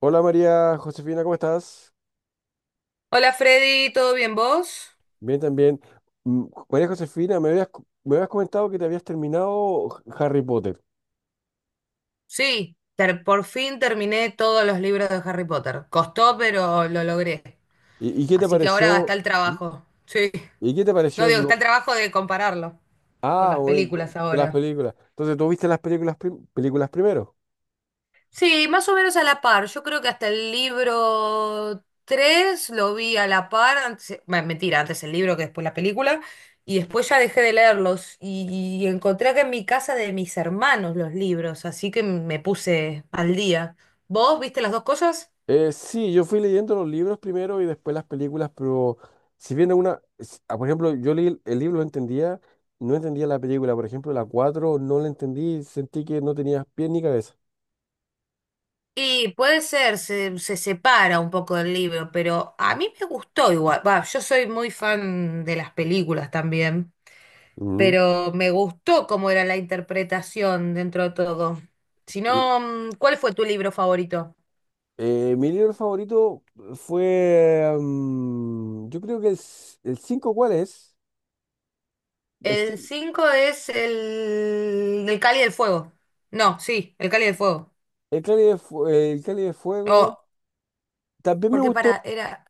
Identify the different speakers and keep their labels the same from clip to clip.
Speaker 1: Hola María Josefina, ¿cómo estás?
Speaker 2: Hola Freddy, ¿todo bien vos?
Speaker 1: Bien también. María Josefina, me habías comentado que te habías terminado Harry Potter.
Speaker 2: Por fin terminé todos los libros de Harry Potter. Costó, pero lo logré.
Speaker 1: ¿Y qué te
Speaker 2: Así que ahora
Speaker 1: pareció?
Speaker 2: está el
Speaker 1: ¿Mm?
Speaker 2: trabajo. Sí.
Speaker 1: ¿Y qué te
Speaker 2: No
Speaker 1: pareció el
Speaker 2: digo, está el
Speaker 1: globo?
Speaker 2: trabajo de compararlo con las películas
Speaker 1: Con las
Speaker 2: ahora.
Speaker 1: películas. Entonces, ¿tú viste las películas, películas primero?
Speaker 2: Sí, más o menos a la par. Yo creo que hasta el libro 3 lo vi a la par. Antes, bueno, mentira, antes el libro que después la película. Y después ya dejé de leerlos. Y encontré acá en mi casa de mis hermanos los libros. Así que me puse al día. ¿Vos viste las dos cosas?
Speaker 1: Sí, yo fui leyendo los libros primero y después las películas, pero si bien una, por ejemplo, yo leí el libro, lo entendía, no entendía la película. Por ejemplo, la 4 no la entendí, sentí que no tenía pies ni cabeza.
Speaker 2: Y puede ser, se separa un poco del libro, pero a mí me gustó igual. Va, yo soy muy fan de las películas también,
Speaker 1: Mm.
Speaker 2: pero me gustó cómo era la interpretación dentro de todo. Si no, ¿cuál fue tu libro favorito?
Speaker 1: Mi libro favorito fue, yo creo que el cinco, ¿cuál es? El,
Speaker 2: El
Speaker 1: cin-
Speaker 2: 5 es el Cali del Fuego. No, sí, el Cali del Fuego.
Speaker 1: el Cáliz de, el Cáliz de Fuego.
Speaker 2: O,
Speaker 1: También me
Speaker 2: porque
Speaker 1: gustó,
Speaker 2: para, era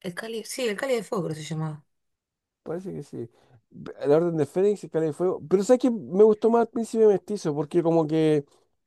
Speaker 2: el Cali, sí, el Cali del Fuego creo que se llamaba.
Speaker 1: parece que sí. La Orden de Fénix, el Cáliz de Fuego. Pero sabes que me gustó más el Príncipe Mestizo, porque como que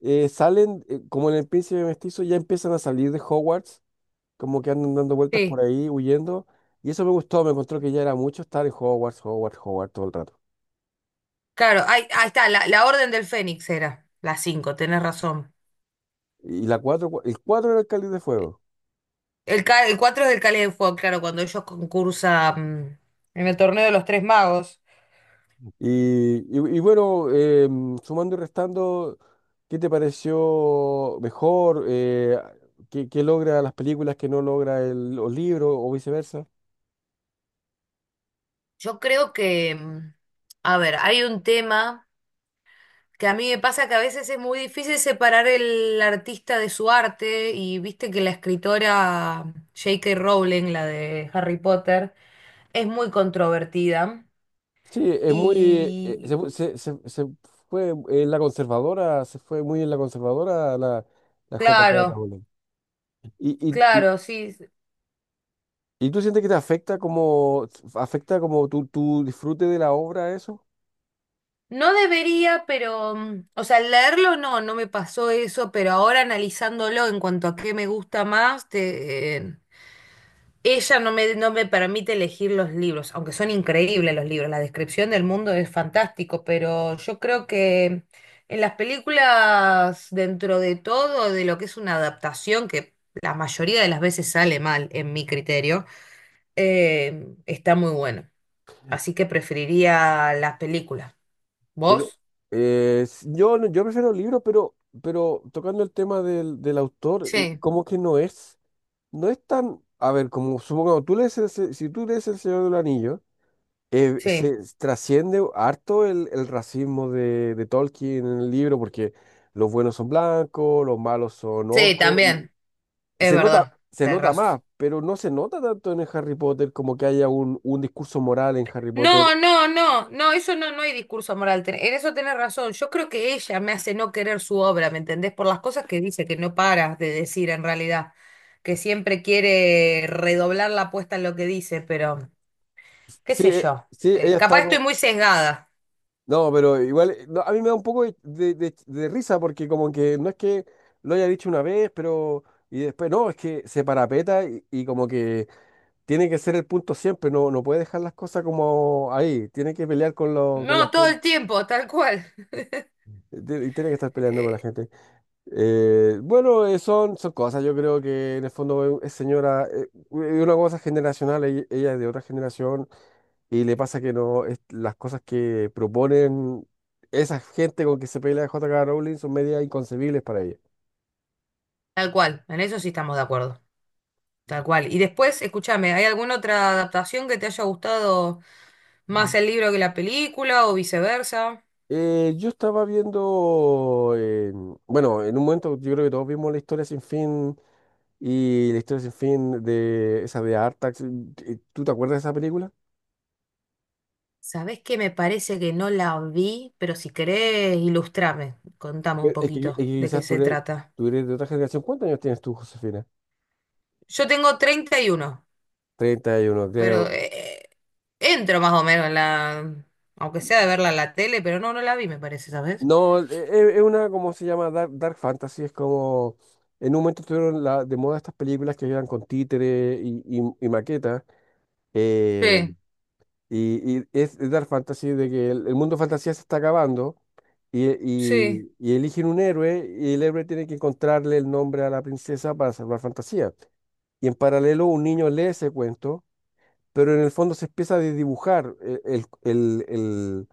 Speaker 1: salen, como en el Príncipe Mestizo ya empiezan a salir de Hogwarts, como que andan dando vueltas por
Speaker 2: Sí.
Speaker 1: ahí, huyendo. Y eso me gustó, me encontró que ya era mucho estar en Hogwarts, Hogwarts, Hogwarts todo el rato.
Speaker 2: Claro, ahí está, la Orden del Fénix era la 5. Tenés razón.
Speaker 1: Y la 4 el cuatro era el Cáliz de Fuego.
Speaker 2: El 4 es del Cáliz de Fuego, claro, cuando ellos concursan en el torneo de los Tres Magos.
Speaker 1: Y, y bueno, sumando y restando, ¿qué te pareció mejor? Qué logra las películas que no logra los libros o viceversa?
Speaker 2: Yo creo que, a ver, hay un tema que a mí me pasa que a veces es muy difícil separar el artista de su arte, y viste que la escritora J.K. Rowling, la de Harry Potter, es muy controvertida.
Speaker 1: Sí, es muy, se,
Speaker 2: Y
Speaker 1: se fue en la conservadora, se fue muy en la conservadora la J K
Speaker 2: claro,
Speaker 1: Rowling. ¿Y
Speaker 2: claro, sí.
Speaker 1: y tú sientes que te afecta como tu disfrute de la obra eso?
Speaker 2: No debería, pero, o sea, al leerlo no, no me pasó eso, pero ahora analizándolo en cuanto a qué me gusta más, ella no me, no me permite elegir los libros, aunque son increíbles los libros, la descripción del mundo es fantástico, pero yo creo que en las películas, dentro de todo, de lo que es una adaptación, que la mayoría de las veces sale mal, en mi criterio, está muy bueno. Así que preferiría las películas.
Speaker 1: Pero,
Speaker 2: ¿Vos?
Speaker 1: yo, yo prefiero libros, pero tocando el tema del autor,
Speaker 2: Sí.
Speaker 1: como que no es, no es tan, a ver, como supongamos, tú lees si tú lees El Señor del Anillo,
Speaker 2: Sí,
Speaker 1: se trasciende harto el racismo de Tolkien en el libro, porque los buenos son blancos, los malos son
Speaker 2: sí,
Speaker 1: orcos, y
Speaker 2: también, es verdad,
Speaker 1: se
Speaker 2: tenés
Speaker 1: nota
Speaker 2: razón.
Speaker 1: más, pero no se nota tanto en el Harry Potter como que haya un discurso moral en Harry Potter.
Speaker 2: No, no, no, no, eso no, no hay discurso moral. En eso tenés razón. Yo creo que ella me hace no querer su obra, ¿me entendés? Por las cosas que dice, que no paras de decir en realidad, que siempre quiere redoblar la apuesta en lo que dice, pero qué
Speaker 1: Sí,
Speaker 2: sé yo.
Speaker 1: sí, ella
Speaker 2: Capaz
Speaker 1: está,
Speaker 2: estoy
Speaker 1: co-
Speaker 2: muy sesgada.
Speaker 1: No, pero igual, no, a mí me da un poco de, de risa porque como que no es que lo haya dicho una vez, pero... Y después, no, es que se parapeta y como que tiene que ser el punto siempre, no, no puede dejar las cosas como ahí, tiene que pelear con, lo, con la
Speaker 2: No, todo
Speaker 1: gente,
Speaker 2: el tiempo, tal cual.
Speaker 1: tiene que estar peleando con la
Speaker 2: Eh,
Speaker 1: gente. Bueno, son, son cosas, yo creo que en el fondo es señora, es una cosa generacional, ella es de otra generación, y le pasa que no, las cosas que proponen esa gente con que se pelea J K Rowling son medias inconcebibles para ella.
Speaker 2: Tal cual, en eso sí estamos de acuerdo, tal cual. Y después, escúchame, ¿hay alguna otra adaptación que te haya gustado más el libro que la película o viceversa?
Speaker 1: Yo estaba viendo, bueno, en un momento yo creo que todos vimos la historia sin fin y la historia sin fin de esa de Artax. ¿Tú te acuerdas de esa película?
Speaker 2: ¿Sabés que me parece que no la vi? Pero si querés, ilustrame, contame un
Speaker 1: Es que, es que
Speaker 2: poquito de qué
Speaker 1: quizás
Speaker 2: se trata.
Speaker 1: tú eres de otra generación. ¿Cuántos años tienes tú, Josefina?
Speaker 2: Yo tengo treinta y uno,
Speaker 1: 31 creo.
Speaker 2: pero entro más o menos en la... Aunque sea de verla en la tele, pero no, no la vi, me parece, ¿sabes?
Speaker 1: No, es una, ¿cómo se llama? Dark, Dark Fantasy. Es como, en un momento estuvieron la, de moda estas películas que eran con títeres y maquetas. eh,
Speaker 2: Sí,
Speaker 1: y es Dark Fantasy de que el mundo de fantasía se está acabando
Speaker 2: sí.
Speaker 1: y eligen un héroe y el héroe tiene que encontrarle el nombre a la princesa para salvar fantasía. Y en paralelo un niño lee ese cuento, pero en el fondo se empieza a dibujar el- el-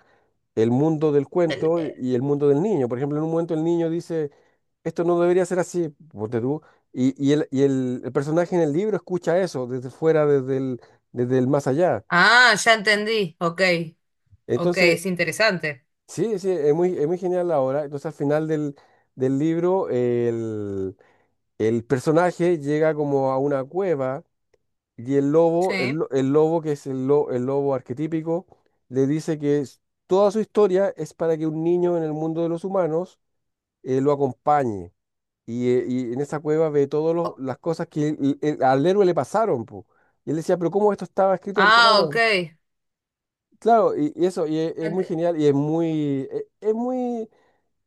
Speaker 1: el mundo del
Speaker 2: El-
Speaker 1: cuento
Speaker 2: eh,
Speaker 1: y el mundo del niño. Por ejemplo, en un momento el niño dice, esto no debería ser así, ponte tú, y el personaje en el libro escucha eso desde fuera, desde el más allá.
Speaker 2: ah, ya entendí. Ok, ok,
Speaker 1: Entonces,
Speaker 2: es interesante.
Speaker 1: sí, sí, es muy genial la obra. Entonces, al final del libro, el personaje llega como a una cueva y el lobo,
Speaker 2: Sí.
Speaker 1: el lobo que es el lobo arquetípico, le dice que... Toda su historia es para que un niño en el mundo de los humanos lo acompañe. Y en esa cueva ve todas
Speaker 2: O...
Speaker 1: las cosas que al héroe le pasaron, po. Y él decía, pero ¿cómo esto estaba escrito en tu
Speaker 2: Ah,
Speaker 1: mano?
Speaker 2: ok.
Speaker 1: Claro, y eso, y es
Speaker 2: Ya
Speaker 1: muy
Speaker 2: te...
Speaker 1: genial, y es muy, es, muy,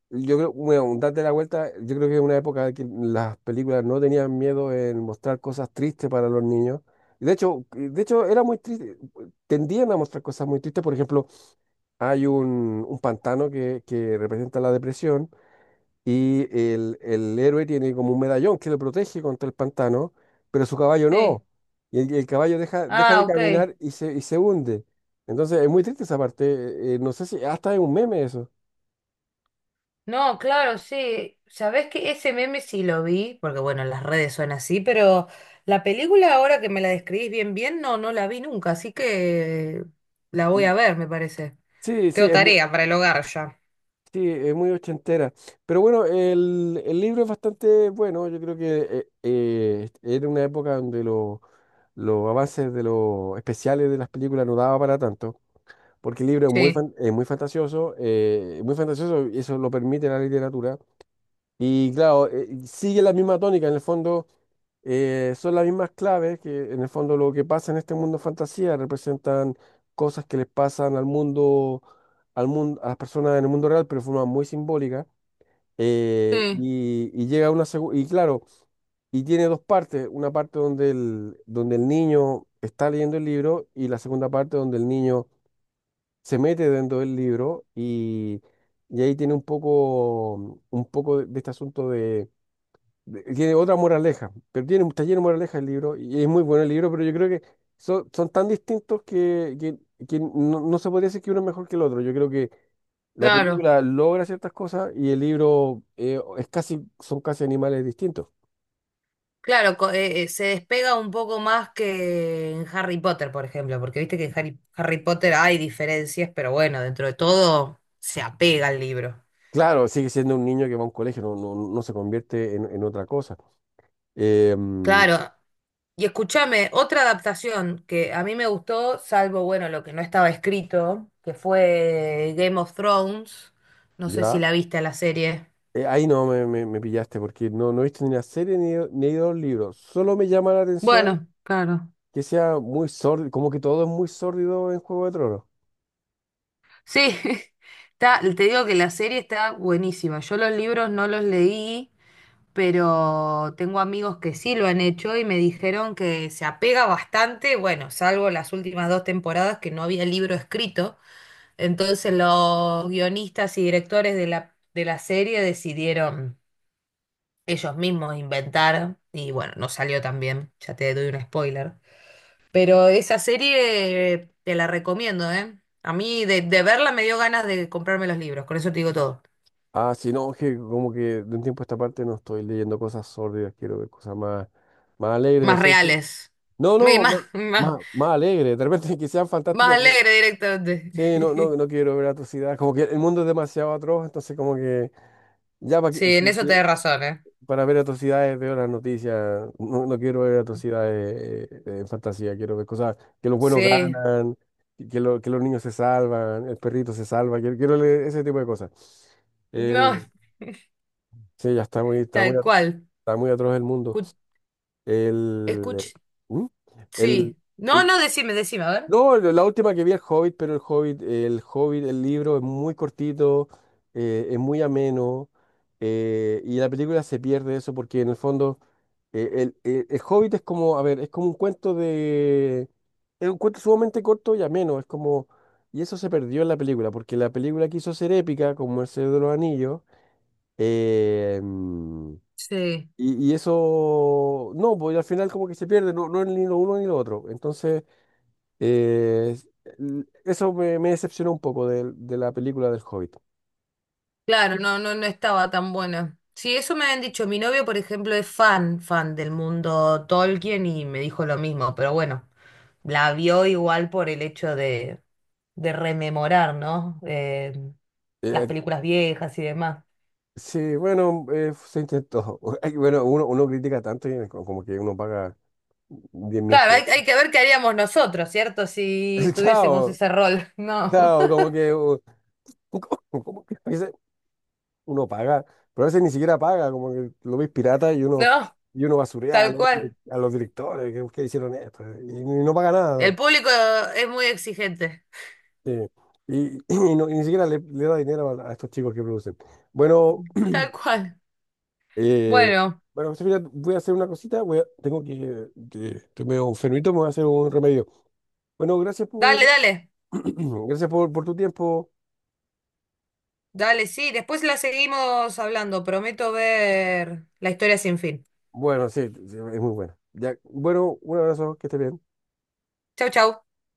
Speaker 1: yo creo, bueno, date la vuelta, yo creo que es una época que las películas no tenían miedo en mostrar cosas tristes para los niños. Y de hecho, de hecho, era muy triste, tendían a mostrar cosas muy tristes, por ejemplo, hay un pantano que representa la depresión y el héroe tiene como un medallón que lo protege contra el pantano, pero su caballo
Speaker 2: Sí.
Speaker 1: no. Y el caballo deja, deja
Speaker 2: Ah,
Speaker 1: de
Speaker 2: ok.
Speaker 1: caminar y se hunde. Entonces es muy triste esa parte. No sé si hasta es un meme eso.
Speaker 2: No, claro, sí. Sabés que ese meme sí lo vi, porque bueno, las redes son así, pero la película ahora que me la describís bien, bien, no, no la vi nunca, así que la voy a ver, me parece.
Speaker 1: Sí,
Speaker 2: Tengo tarea para el hogar ya.
Speaker 1: sí, es muy ochentera. Pero bueno, el libro es bastante bueno. Yo creo que era una época donde los avances de los especiales de las películas no daba para tanto. Porque el libro es muy,
Speaker 2: Sí,
Speaker 1: es muy fantasioso, y eso lo permite la literatura. Y claro, sigue la misma tónica, en el fondo son las mismas claves que en el fondo lo que pasa en este mundo de fantasía representan cosas que les pasan al mundo, a las personas en el mundo real, pero de forma muy simbólica.
Speaker 2: sí,
Speaker 1: Y llega una segunda, y claro, y tiene dos partes, una parte donde el niño está leyendo el libro y la segunda parte donde el niño se mete dentro del libro y ahí tiene un poco de este asunto de tiene otra moraleja, pero tiene, está lleno de moraleja el libro y es muy bueno el libro, pero yo creo que son, son tan distintos que, que no, no se podría decir que uno es mejor que el otro. Yo creo que la
Speaker 2: claro.
Speaker 1: película logra ciertas cosas y el libro es casi, son casi animales distintos.
Speaker 2: Claro, se despega un poco más que en Harry Potter, por ejemplo, porque viste que en Harry, Harry Potter hay diferencias, pero bueno, dentro de todo se apega al libro.
Speaker 1: Claro, sigue siendo un niño que va a un colegio, no, no, no se convierte en otra cosa. Eh, mm,
Speaker 2: Claro. Y escúchame, otra adaptación que a mí me gustó, salvo, bueno, lo que no estaba escrito, que fue Game of Thrones. No sé si
Speaker 1: ya.
Speaker 2: la viste la serie.
Speaker 1: Ahí no me, me pillaste porque no, no he visto ni la serie ni, he leído los libros. Solo me llama la atención
Speaker 2: Bueno, claro.
Speaker 1: que sea muy sórdido, como que todo es muy sórdido en Juego de Tronos.
Speaker 2: Sí, está, te digo que la serie está buenísima. Yo los libros no los leí, pero tengo amigos que sí lo han hecho y me dijeron que se apega bastante, bueno, salvo las últimas dos temporadas que no había libro escrito. Entonces los guionistas y directores de la serie decidieron ellos mismos inventar, y bueno, no salió tan bien, ya te doy un spoiler. Pero esa serie te la recomiendo, ¿eh? A mí de verla me dio ganas de comprarme los libros, con eso te digo todo.
Speaker 1: Ah, sí, no, que como que de un tiempo a esta parte no estoy leyendo cosas sórdidas, quiero ver cosas más, más alegres, no
Speaker 2: Más
Speaker 1: sé si...
Speaker 2: reales.
Speaker 1: No,
Speaker 2: Y
Speaker 1: no, más,
Speaker 2: más, más,
Speaker 1: más, más alegres, de repente que sean
Speaker 2: más
Speaker 1: fantásticas, pero...
Speaker 2: alegre directamente.
Speaker 1: Sí, no, no, no quiero ver atrocidades, como que el mundo es demasiado atroz, entonces como que ya para que...
Speaker 2: Sí, en eso te das razón, ¿eh?
Speaker 1: Para ver atrocidades veo las noticias. No, no quiero ver atrocidades en fantasía. Quiero ver cosas que los buenos
Speaker 2: Sí.
Speaker 1: ganan, que que los niños se salvan, el perrito se salva. Quiero, quiero leer ese tipo de cosas.
Speaker 2: No,
Speaker 1: El, sí, ya está muy, está muy,
Speaker 2: tal cual.
Speaker 1: está muy atroz el mundo.
Speaker 2: Escuch,
Speaker 1: El,
Speaker 2: escuch...
Speaker 1: ¿Mm? El,
Speaker 2: sí. No, no,
Speaker 1: el-
Speaker 2: decime, decime, a ver.
Speaker 1: no, la última que vi el Hobbit, pero el Hobbit, el Hobbit, el libro es muy cortito, es muy ameno, y la película se pierde eso porque en el fondo el Hobbit es como, a ver, es como un cuento de, es un cuento sumamente corto y ameno, es como, y eso se perdió en la película porque la película quiso ser épica como El Señor de los Anillos, eh, mm,
Speaker 2: Sí.
Speaker 1: y eso, no, pues al final como que se pierde, no, no es ni lo uno ni lo otro, entonces... Eh, eso me, me decepcionó un poco de la película del Hobbit.
Speaker 2: Claro, no, no, no estaba tan buena. Sí, eso me habían dicho. Mi novio, por ejemplo, es fan, fan del mundo Tolkien y me dijo lo mismo, pero bueno, la vio igual por el hecho de rememorar, ¿no?
Speaker 1: Eh,
Speaker 2: Las películas viejas y demás.
Speaker 1: sí, bueno, se intentó. Ay, bueno, uno, uno critica tanto y como que uno paga diez mil
Speaker 2: Claro, hay,
Speaker 1: pesos.
Speaker 2: hay que ver qué haríamos nosotros, ¿cierto? Si tuviésemos
Speaker 1: Claro,
Speaker 2: ese rol. No,
Speaker 1: claro, como que, como que a veces uno paga, pero a veces ni siquiera paga, como que lo ves pirata
Speaker 2: no,
Speaker 1: y uno basurea a
Speaker 2: tal
Speaker 1: los,
Speaker 2: cual.
Speaker 1: a los directores que hicieron esto y no paga nada.
Speaker 2: El público es muy exigente.
Speaker 1: Sí. Y, y y ni siquiera le, le da dinero a estos chicos que producen. Bueno.
Speaker 2: Tal cual.
Speaker 1: Eh,
Speaker 2: Bueno,
Speaker 1: bueno, Josefina, voy a hacer una cosita, tengo que estoy medio enfermito, me voy a hacer un remedio. Bueno, gracias por,
Speaker 2: dale, dale.
Speaker 1: gracias por tu tiempo.
Speaker 2: Dale, sí, después la seguimos hablando. Prometo ver la historia sin fin.
Speaker 1: Bueno, sí, sí, es muy bueno. Ya, bueno, un abrazo, que estés bien.
Speaker 2: Chau, chau.